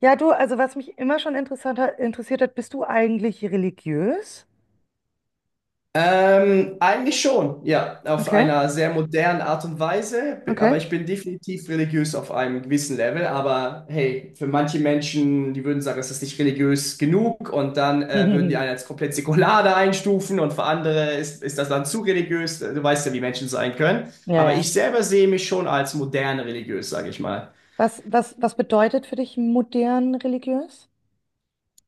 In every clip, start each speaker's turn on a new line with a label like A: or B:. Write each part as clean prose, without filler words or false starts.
A: Ja, du, also was mich immer schon interessiert hat, bist du eigentlich religiös?
B: Eigentlich schon, ja, auf
A: Okay,
B: einer sehr modernen Art und Weise. Aber
A: okay.
B: ich bin definitiv religiös auf einem gewissen Level, aber hey, für manche Menschen, die würden sagen, es ist nicht religiös genug und dann würden die einen als komplett säkular da einstufen und für andere ist das dann zu religiös, du weißt ja, wie Menschen sein können,
A: Ja,
B: aber
A: ja.
B: ich selber sehe mich schon als modern religiös, sage ich mal.
A: Was bedeutet für dich modern religiös?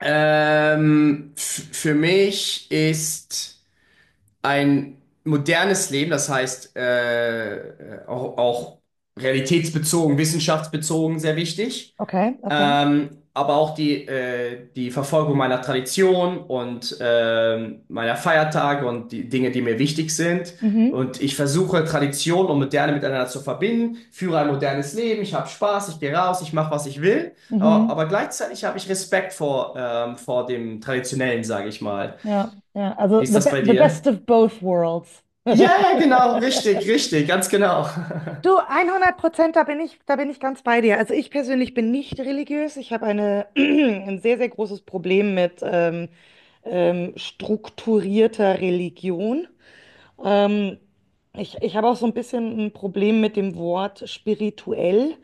B: Für mich ist... ein modernes Leben, das heißt auch, auch realitätsbezogen, wissenschaftsbezogen, sehr wichtig.
A: Okay, okay.
B: Aber auch die Verfolgung meiner Tradition und meiner Feiertage und die Dinge, die mir wichtig sind.
A: Mhm,
B: Und ich versuche Tradition und Moderne miteinander zu verbinden, führe ein modernes Leben, ich habe Spaß, ich gehe raus, ich mache, was ich will. Aber,
A: mhm.
B: aber gleichzeitig habe ich Respekt vor, vor dem Traditionellen, sage ich mal.
A: Ja, ja. Also
B: Wie ist
A: the,
B: das
A: be
B: bei
A: the best
B: dir?
A: of both worlds.
B: Ja, ja, genau, richtig, richtig, ganz genau.
A: Du, 100%, da bin ich ganz bei dir. Also ich persönlich bin nicht religiös. Ich habe eine, ein sehr, sehr großes Problem mit strukturierter Religion. Ähm, ich habe auch so ein bisschen ein Problem mit dem Wort spirituell,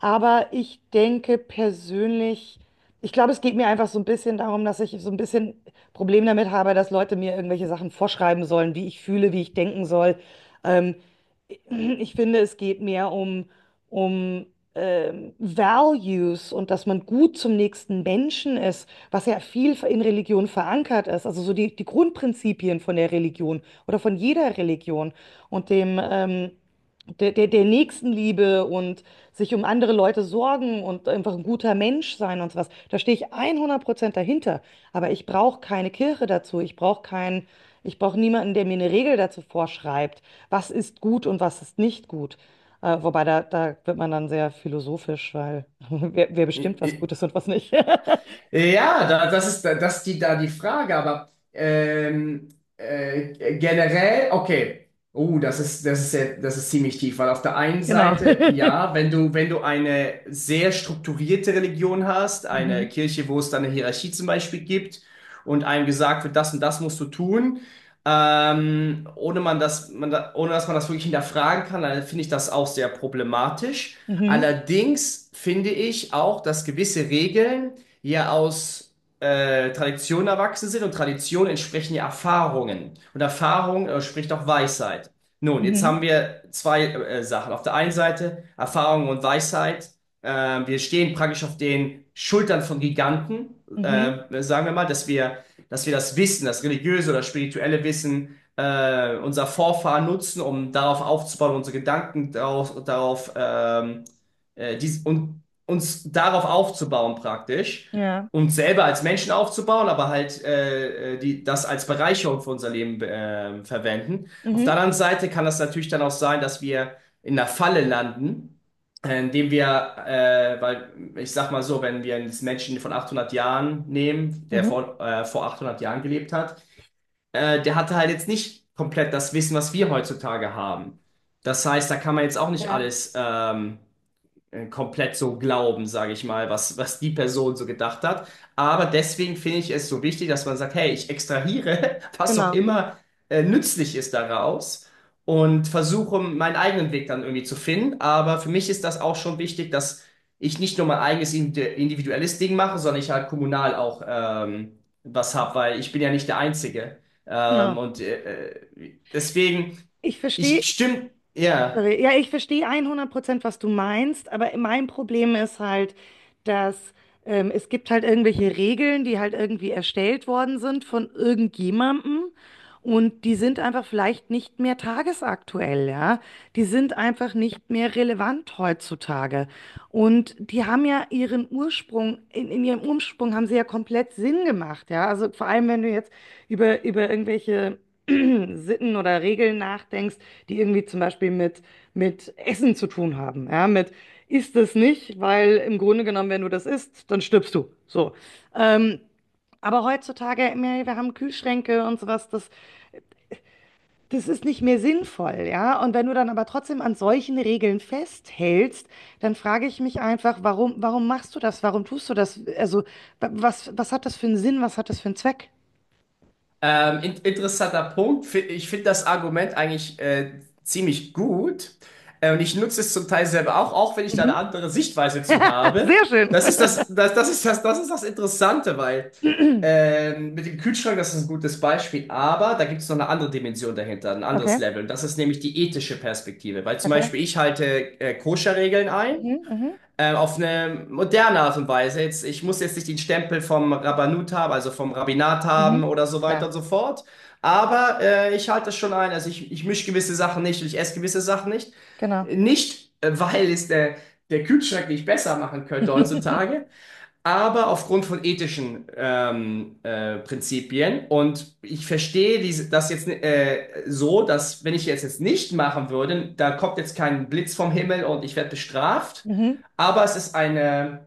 A: aber ich denke persönlich, ich glaube, es geht mir einfach so ein bisschen darum, dass ich so ein bisschen Problem damit habe, dass Leute mir irgendwelche Sachen vorschreiben sollen, wie ich fühle, wie ich denken soll. Ähm, ich finde, es geht mehr um, um Values und dass man gut zum nächsten Menschen ist, was ja viel in Religion verankert ist, also so die Grundprinzipien von der Religion oder von jeder Religion und dem der Nächstenliebe und sich um andere Leute sorgen und einfach ein guter Mensch sein und sowas. Da stehe ich 100% dahinter. Aber ich brauche keine Kirche dazu. Ich brauche keinen, ich brauche niemanden, der mir eine Regel dazu vorschreibt, was ist gut und was ist nicht gut. Wobei da wird man dann sehr philosophisch, weil wer
B: I-
A: bestimmt, was
B: i-
A: gut ist und was nicht.
B: Ja, das ist die Frage, aber generell, okay. Oh, das ist, das ist ziemlich tief, weil auf der einen
A: Genau.
B: Seite, ja, wenn du, wenn du eine sehr strukturierte Religion hast, eine
A: Mhm.
B: Kirche, wo es dann eine Hierarchie zum Beispiel gibt und einem gesagt wird, das und das musst du tun, ohne man das, man da, ohne dass man das wirklich hinterfragen kann, dann finde ich das auch sehr problematisch.
A: Mhm.
B: Allerdings finde ich auch, dass gewisse Regeln, ja aus Traditionen erwachsen sind und Traditionen entsprechen ja Erfahrungen. Und Erfahrung spricht auch Weisheit. Nun, jetzt haben
A: Mhm.
B: wir zwei Sachen. Auf der einen Seite Erfahrung und Weisheit. Wir stehen praktisch auf den Schultern von Giganten,
A: Mhm.
B: sagen wir mal, dass dass wir das Wissen, das religiöse oder spirituelle Wissen unserer Vorfahren nutzen, um darauf aufzubauen, unsere Gedanken darauf und uns darauf aufzubauen praktisch
A: Ja.
B: uns selber als Menschen aufzubauen, aber halt das als Bereicherung für unser Leben verwenden. Auf der
A: Mhm.
B: anderen Seite kann das natürlich dann auch sein, dass wir in einer Falle landen, äh, indem wir, weil ich sag mal so, wenn wir einen Menschen von 800 Jahren nehmen, der
A: Mhm.
B: vor, äh, vor 800 Jahren gelebt hat, der hatte halt jetzt nicht komplett das Wissen, was wir heutzutage haben. Das heißt, da kann man jetzt auch nicht
A: Ja,
B: alles komplett so glauben, sage ich mal, was die Person so gedacht hat. Aber deswegen finde ich es so wichtig, dass man sagt, hey, ich extrahiere, was auch
A: genau.
B: immer nützlich ist daraus und versuche meinen eigenen Weg dann irgendwie zu finden. Aber für mich ist das auch schon wichtig, dass ich nicht nur mein eigenes individuelles Ding mache, sondern ich halt kommunal auch was habe, weil ich bin ja nicht der Einzige. Ähm,
A: Genau.
B: und äh, Deswegen,
A: Ich verstehe.
B: ich stimme, ja.
A: Sorry. Ja, ich verstehe 100%, was du meinst, aber mein Problem ist halt, dass es gibt halt irgendwelche Regeln, die halt irgendwie erstellt worden sind von irgendjemandem und die sind einfach vielleicht nicht mehr tagesaktuell, ja. Die sind einfach nicht mehr relevant heutzutage. Und die haben ja ihren Ursprung, in ihrem Ursprung haben sie ja komplett Sinn gemacht, ja. Also vor allem, wenn du jetzt über irgendwelche Sitten oder Regeln nachdenkst, die irgendwie zum Beispiel mit Essen zu tun haben. Ja, mit isst es nicht, weil im Grunde genommen, wenn du das isst, dann stirbst du. So. Ähm, aber heutzutage, ey, wir haben Kühlschränke und sowas, das, das ist nicht mehr sinnvoll, ja. Und wenn du dann aber trotzdem an solchen Regeln festhältst, dann frage ich mich einfach, warum, warum machst du das? Warum tust du das? Also, was hat das für einen Sinn? Was hat das für einen Zweck?
B: In interessanter Punkt. Ich finde das Argument eigentlich ziemlich gut. Und ich nutze es zum Teil selber auch, auch wenn ich da eine
A: Mhm.
B: andere Sichtweise zu
A: Ah,
B: habe.
A: sehr schön.
B: Das ist das ist das ist das Interessante, weil mit dem Kühlschrank, das ist ein gutes Beispiel, aber da gibt es noch eine andere Dimension dahinter, ein anderes
A: Okay,
B: Level. Und das ist nämlich die ethische Perspektive. Weil zum
A: okay.
B: Beispiel ich halte Koscher-Regeln ein
A: Mhm, mhm,
B: auf eine moderne Art und Weise. Jetzt, ich muss jetzt nicht den Stempel vom Rabbanut haben, also vom Rabbinat haben
A: mhm.
B: oder so weiter
A: Klar,
B: und so fort. Aber ich halte das schon ein. Also ich mische gewisse Sachen nicht und ich esse gewisse Sachen nicht.
A: genau.
B: Nicht, weil der Kühlschrank nicht besser machen könnte heutzutage, aber aufgrund von ethischen Prinzipien. Und ich verstehe diese, das jetzt so, dass wenn ich jetzt nicht machen würde, da kommt jetzt kein Blitz vom Himmel und ich werde bestraft.
A: Mhm.
B: Aber es ist eine,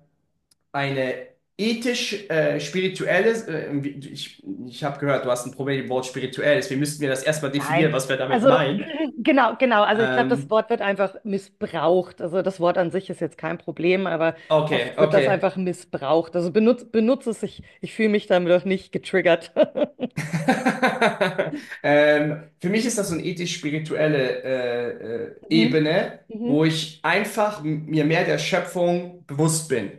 B: eine ethisch spirituelle, ich habe gehört, du hast ein Problem mit dem Wort spirituell, deswegen müssten wir das erstmal definieren,
A: Nein.
B: was wir damit
A: Also
B: meinen.
A: genau, genau. Also ich glaube, das
B: Ähm,
A: Wort wird einfach missbraucht. Also das Wort an sich ist jetzt kein Problem, aber
B: okay,
A: oft wird das
B: okay.
A: einfach missbraucht. Also benutz es, ich fühle mich damit auch nicht getriggert.
B: Für mich ist das so eine ethisch-spirituelle
A: Mhm.
B: Ebene, wo
A: Mhm.
B: ich einfach mir mehr der Schöpfung bewusst bin.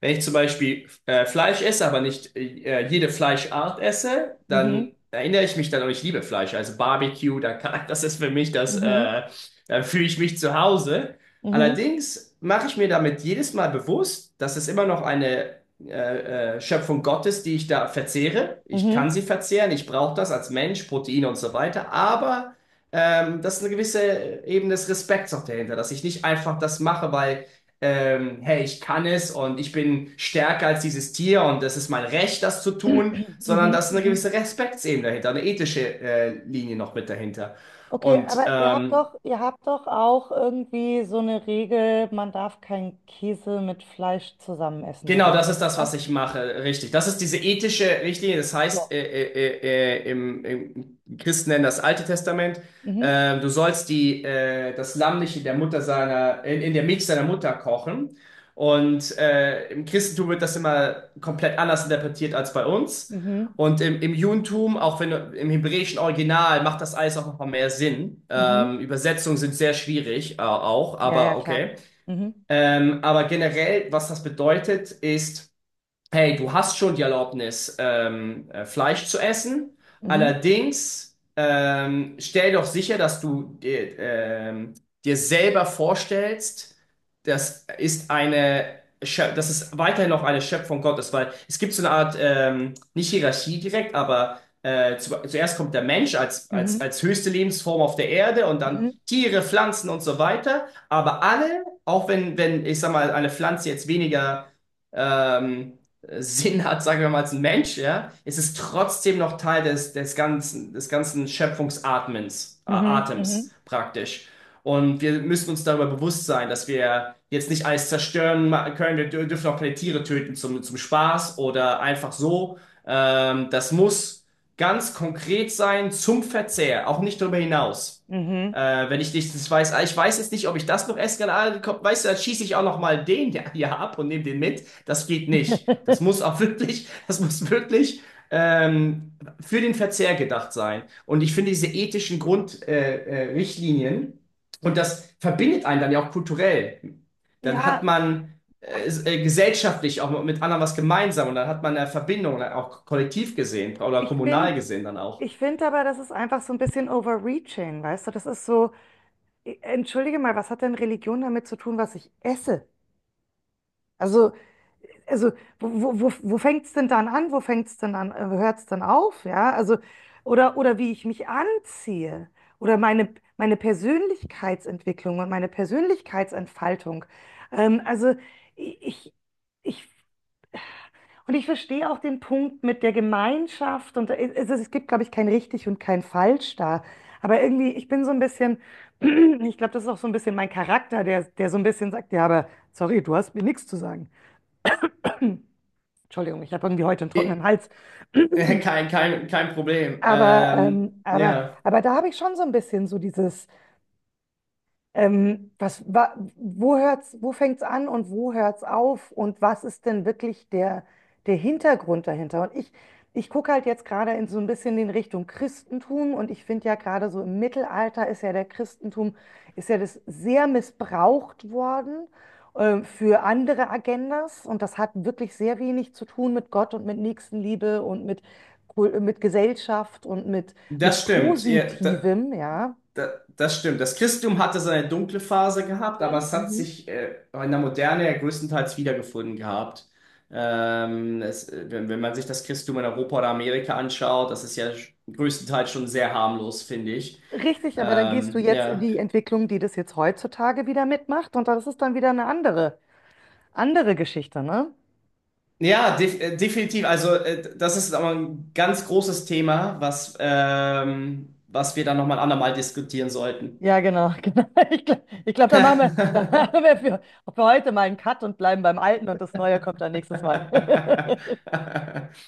B: Wenn ich zum Beispiel Fleisch esse, aber nicht jede Fleischart esse,
A: Mhm.
B: dann erinnere ich mich dann, oh ich liebe Fleisch, also Barbecue, da kann, das ist für mich das,
A: Mhm.
B: äh, da fühle ich mich zu Hause.
A: Mhm.
B: Allerdings mache ich mir damit jedes Mal bewusst, dass es immer noch eine Schöpfung Gottes, die ich da verzehre. Ich
A: Mhm.
B: kann sie verzehren, ich brauche das als Mensch, Proteine und so weiter, aber das ist eine gewisse Ebene des Respekts auch dahinter, dass ich nicht einfach das mache, weil hey, ich kann es und ich bin stärker als dieses Tier und das ist mein Recht, das zu tun,
A: Mhm.
B: sondern da
A: Mhm.
B: ist eine
A: Mhm.
B: gewisse Respektsebene dahinter, eine ethische Linie noch mit dahinter.
A: Okay,
B: Und
A: aber
B: ähm,
A: ihr habt doch auch irgendwie so eine Regel, man darf keinen Käse mit Fleisch zusammen essen
B: Genau,
A: oder
B: das ist das,
A: so. Ne?
B: was ich mache, richtig. Das ist diese ethische Richtlinie, das heißt,
A: So.
B: im Christen nennen das Alte Testament.
A: Mhm.
B: Du sollst das Lamm nicht in der Mutter seiner, in der Milch seiner Mutter kochen. Und im Christentum wird das immer komplett anders interpretiert als bei uns.
A: Mhm.
B: Und im Judentum, auch wenn im hebräischen Original, macht das alles auch noch mal mehr Sinn.
A: Mhm.
B: Übersetzungen sind sehr schwierig, auch,
A: Ja, ja,
B: aber
A: klar.
B: okay.
A: Mhm.
B: Aber generell, was das bedeutet, ist, hey, du hast schon die Erlaubnis, Fleisch zu essen.
A: Mhm.
B: Allerdings stell doch sicher, dass du dir selber vorstellst, das ist dass es weiterhin noch eine Schöpfung Gottes, weil es gibt so eine Art, nicht Hierarchie direkt, aber zuerst kommt der Mensch
A: Mhm.
B: als höchste Lebensform auf der Erde und dann
A: Mhm.
B: Tiere, Pflanzen und so weiter. Aber alle, auch wenn, ich sag mal, eine Pflanze jetzt weniger ähm, Sinn hat, sagen wir mal, als ein Mensch, ja, ist es trotzdem noch Teil des ganzen Schöpfungsatmens,
A: Mhm. Mhm.
B: Atems praktisch. Und wir müssen uns darüber bewusst sein, dass wir jetzt nicht alles zerstören können. Dürfen auch keine Tiere töten zum Spaß oder einfach so. Das muss ganz konkret sein zum Verzehr, auch nicht darüber hinaus.
A: Mhm.
B: Wenn ich nicht das weiß, ah, ich weiß jetzt nicht, ob ich das noch essen kann, ah, komm, weißt du, dann schieße ich auch noch mal den ja, ja ab und nehme den mit. Das geht nicht. Das muss auch wirklich, das muss wirklich ähm, für den Verzehr gedacht sein. Und ich finde diese ethischen Grundrichtlinien Richtlinien, und das verbindet einen dann ja auch kulturell. Dann hat
A: Ja,
B: man gesellschaftlich auch mit anderen was gemeinsam und dann hat man eine Verbindung, dann auch kollektiv gesehen oder
A: ich
B: kommunal
A: finde,
B: gesehen dann auch.
A: ich finde aber, das ist einfach so ein bisschen overreaching, weißt du? Das ist so, entschuldige mal, was hat denn Religion damit zu tun, was ich esse? Also, also wo fängt es denn dann an? Wo fängt es denn an? Hört es dann auf? Ja, also, oder wie ich mich anziehe oder meine Persönlichkeitsentwicklung und meine Persönlichkeitsentfaltung. Also, ich, ich, und ich verstehe auch den Punkt mit der Gemeinschaft und es gibt, glaube ich, kein richtig und kein falsch da. Aber irgendwie, ich bin so ein bisschen, ich glaube, das ist auch so ein bisschen mein Charakter, der so ein bisschen sagt, ja, aber sorry, du hast mir nichts zu sagen. Entschuldigung, ich habe irgendwie heute einen trockenen
B: Äh,
A: Hals.
B: Kein Problem.
A: Aber,
B: Ja,
A: aber da habe ich schon so ein bisschen so dieses. Wo hört's, wo fängt's an und wo hört's auf? Und was ist denn wirklich der Hintergrund dahinter? Und ich gucke halt jetzt gerade in so ein bisschen in Richtung Christentum und ich finde ja gerade so im Mittelalter ist ja der Christentum, ist ja das sehr missbraucht worden, für andere Agendas und das hat wirklich sehr wenig zu tun mit Gott und mit Nächstenliebe und mit, Kul- mit Gesellschaft und mit
B: das stimmt.
A: Positivem, ja.
B: Da, das stimmt. Das Christentum hatte seine dunkle Phase gehabt, aber es hat
A: Mhm.
B: sich in der Moderne ja größtenteils wiedergefunden gehabt. Es, wenn, Wenn man sich das Christentum in Europa oder Amerika anschaut, das ist ja größtenteils schon sehr harmlos, finde ich.
A: Richtig, aber dann gehst du
B: Ähm,
A: jetzt in
B: ja,
A: die Entwicklung, die das jetzt heutzutage wieder mitmacht und das ist dann wieder eine andere, andere Geschichte, ne?
B: Definitiv. Also das ist aber ein ganz großes Thema, was wir dann nochmal ein andermal diskutieren sollten.
A: Ja, genau, genau. Ich glaube, ich glaub, da machen wir, da machen wir für heute mal einen Cut und bleiben beim Alten und das Neue kommt dann nächstes Mal.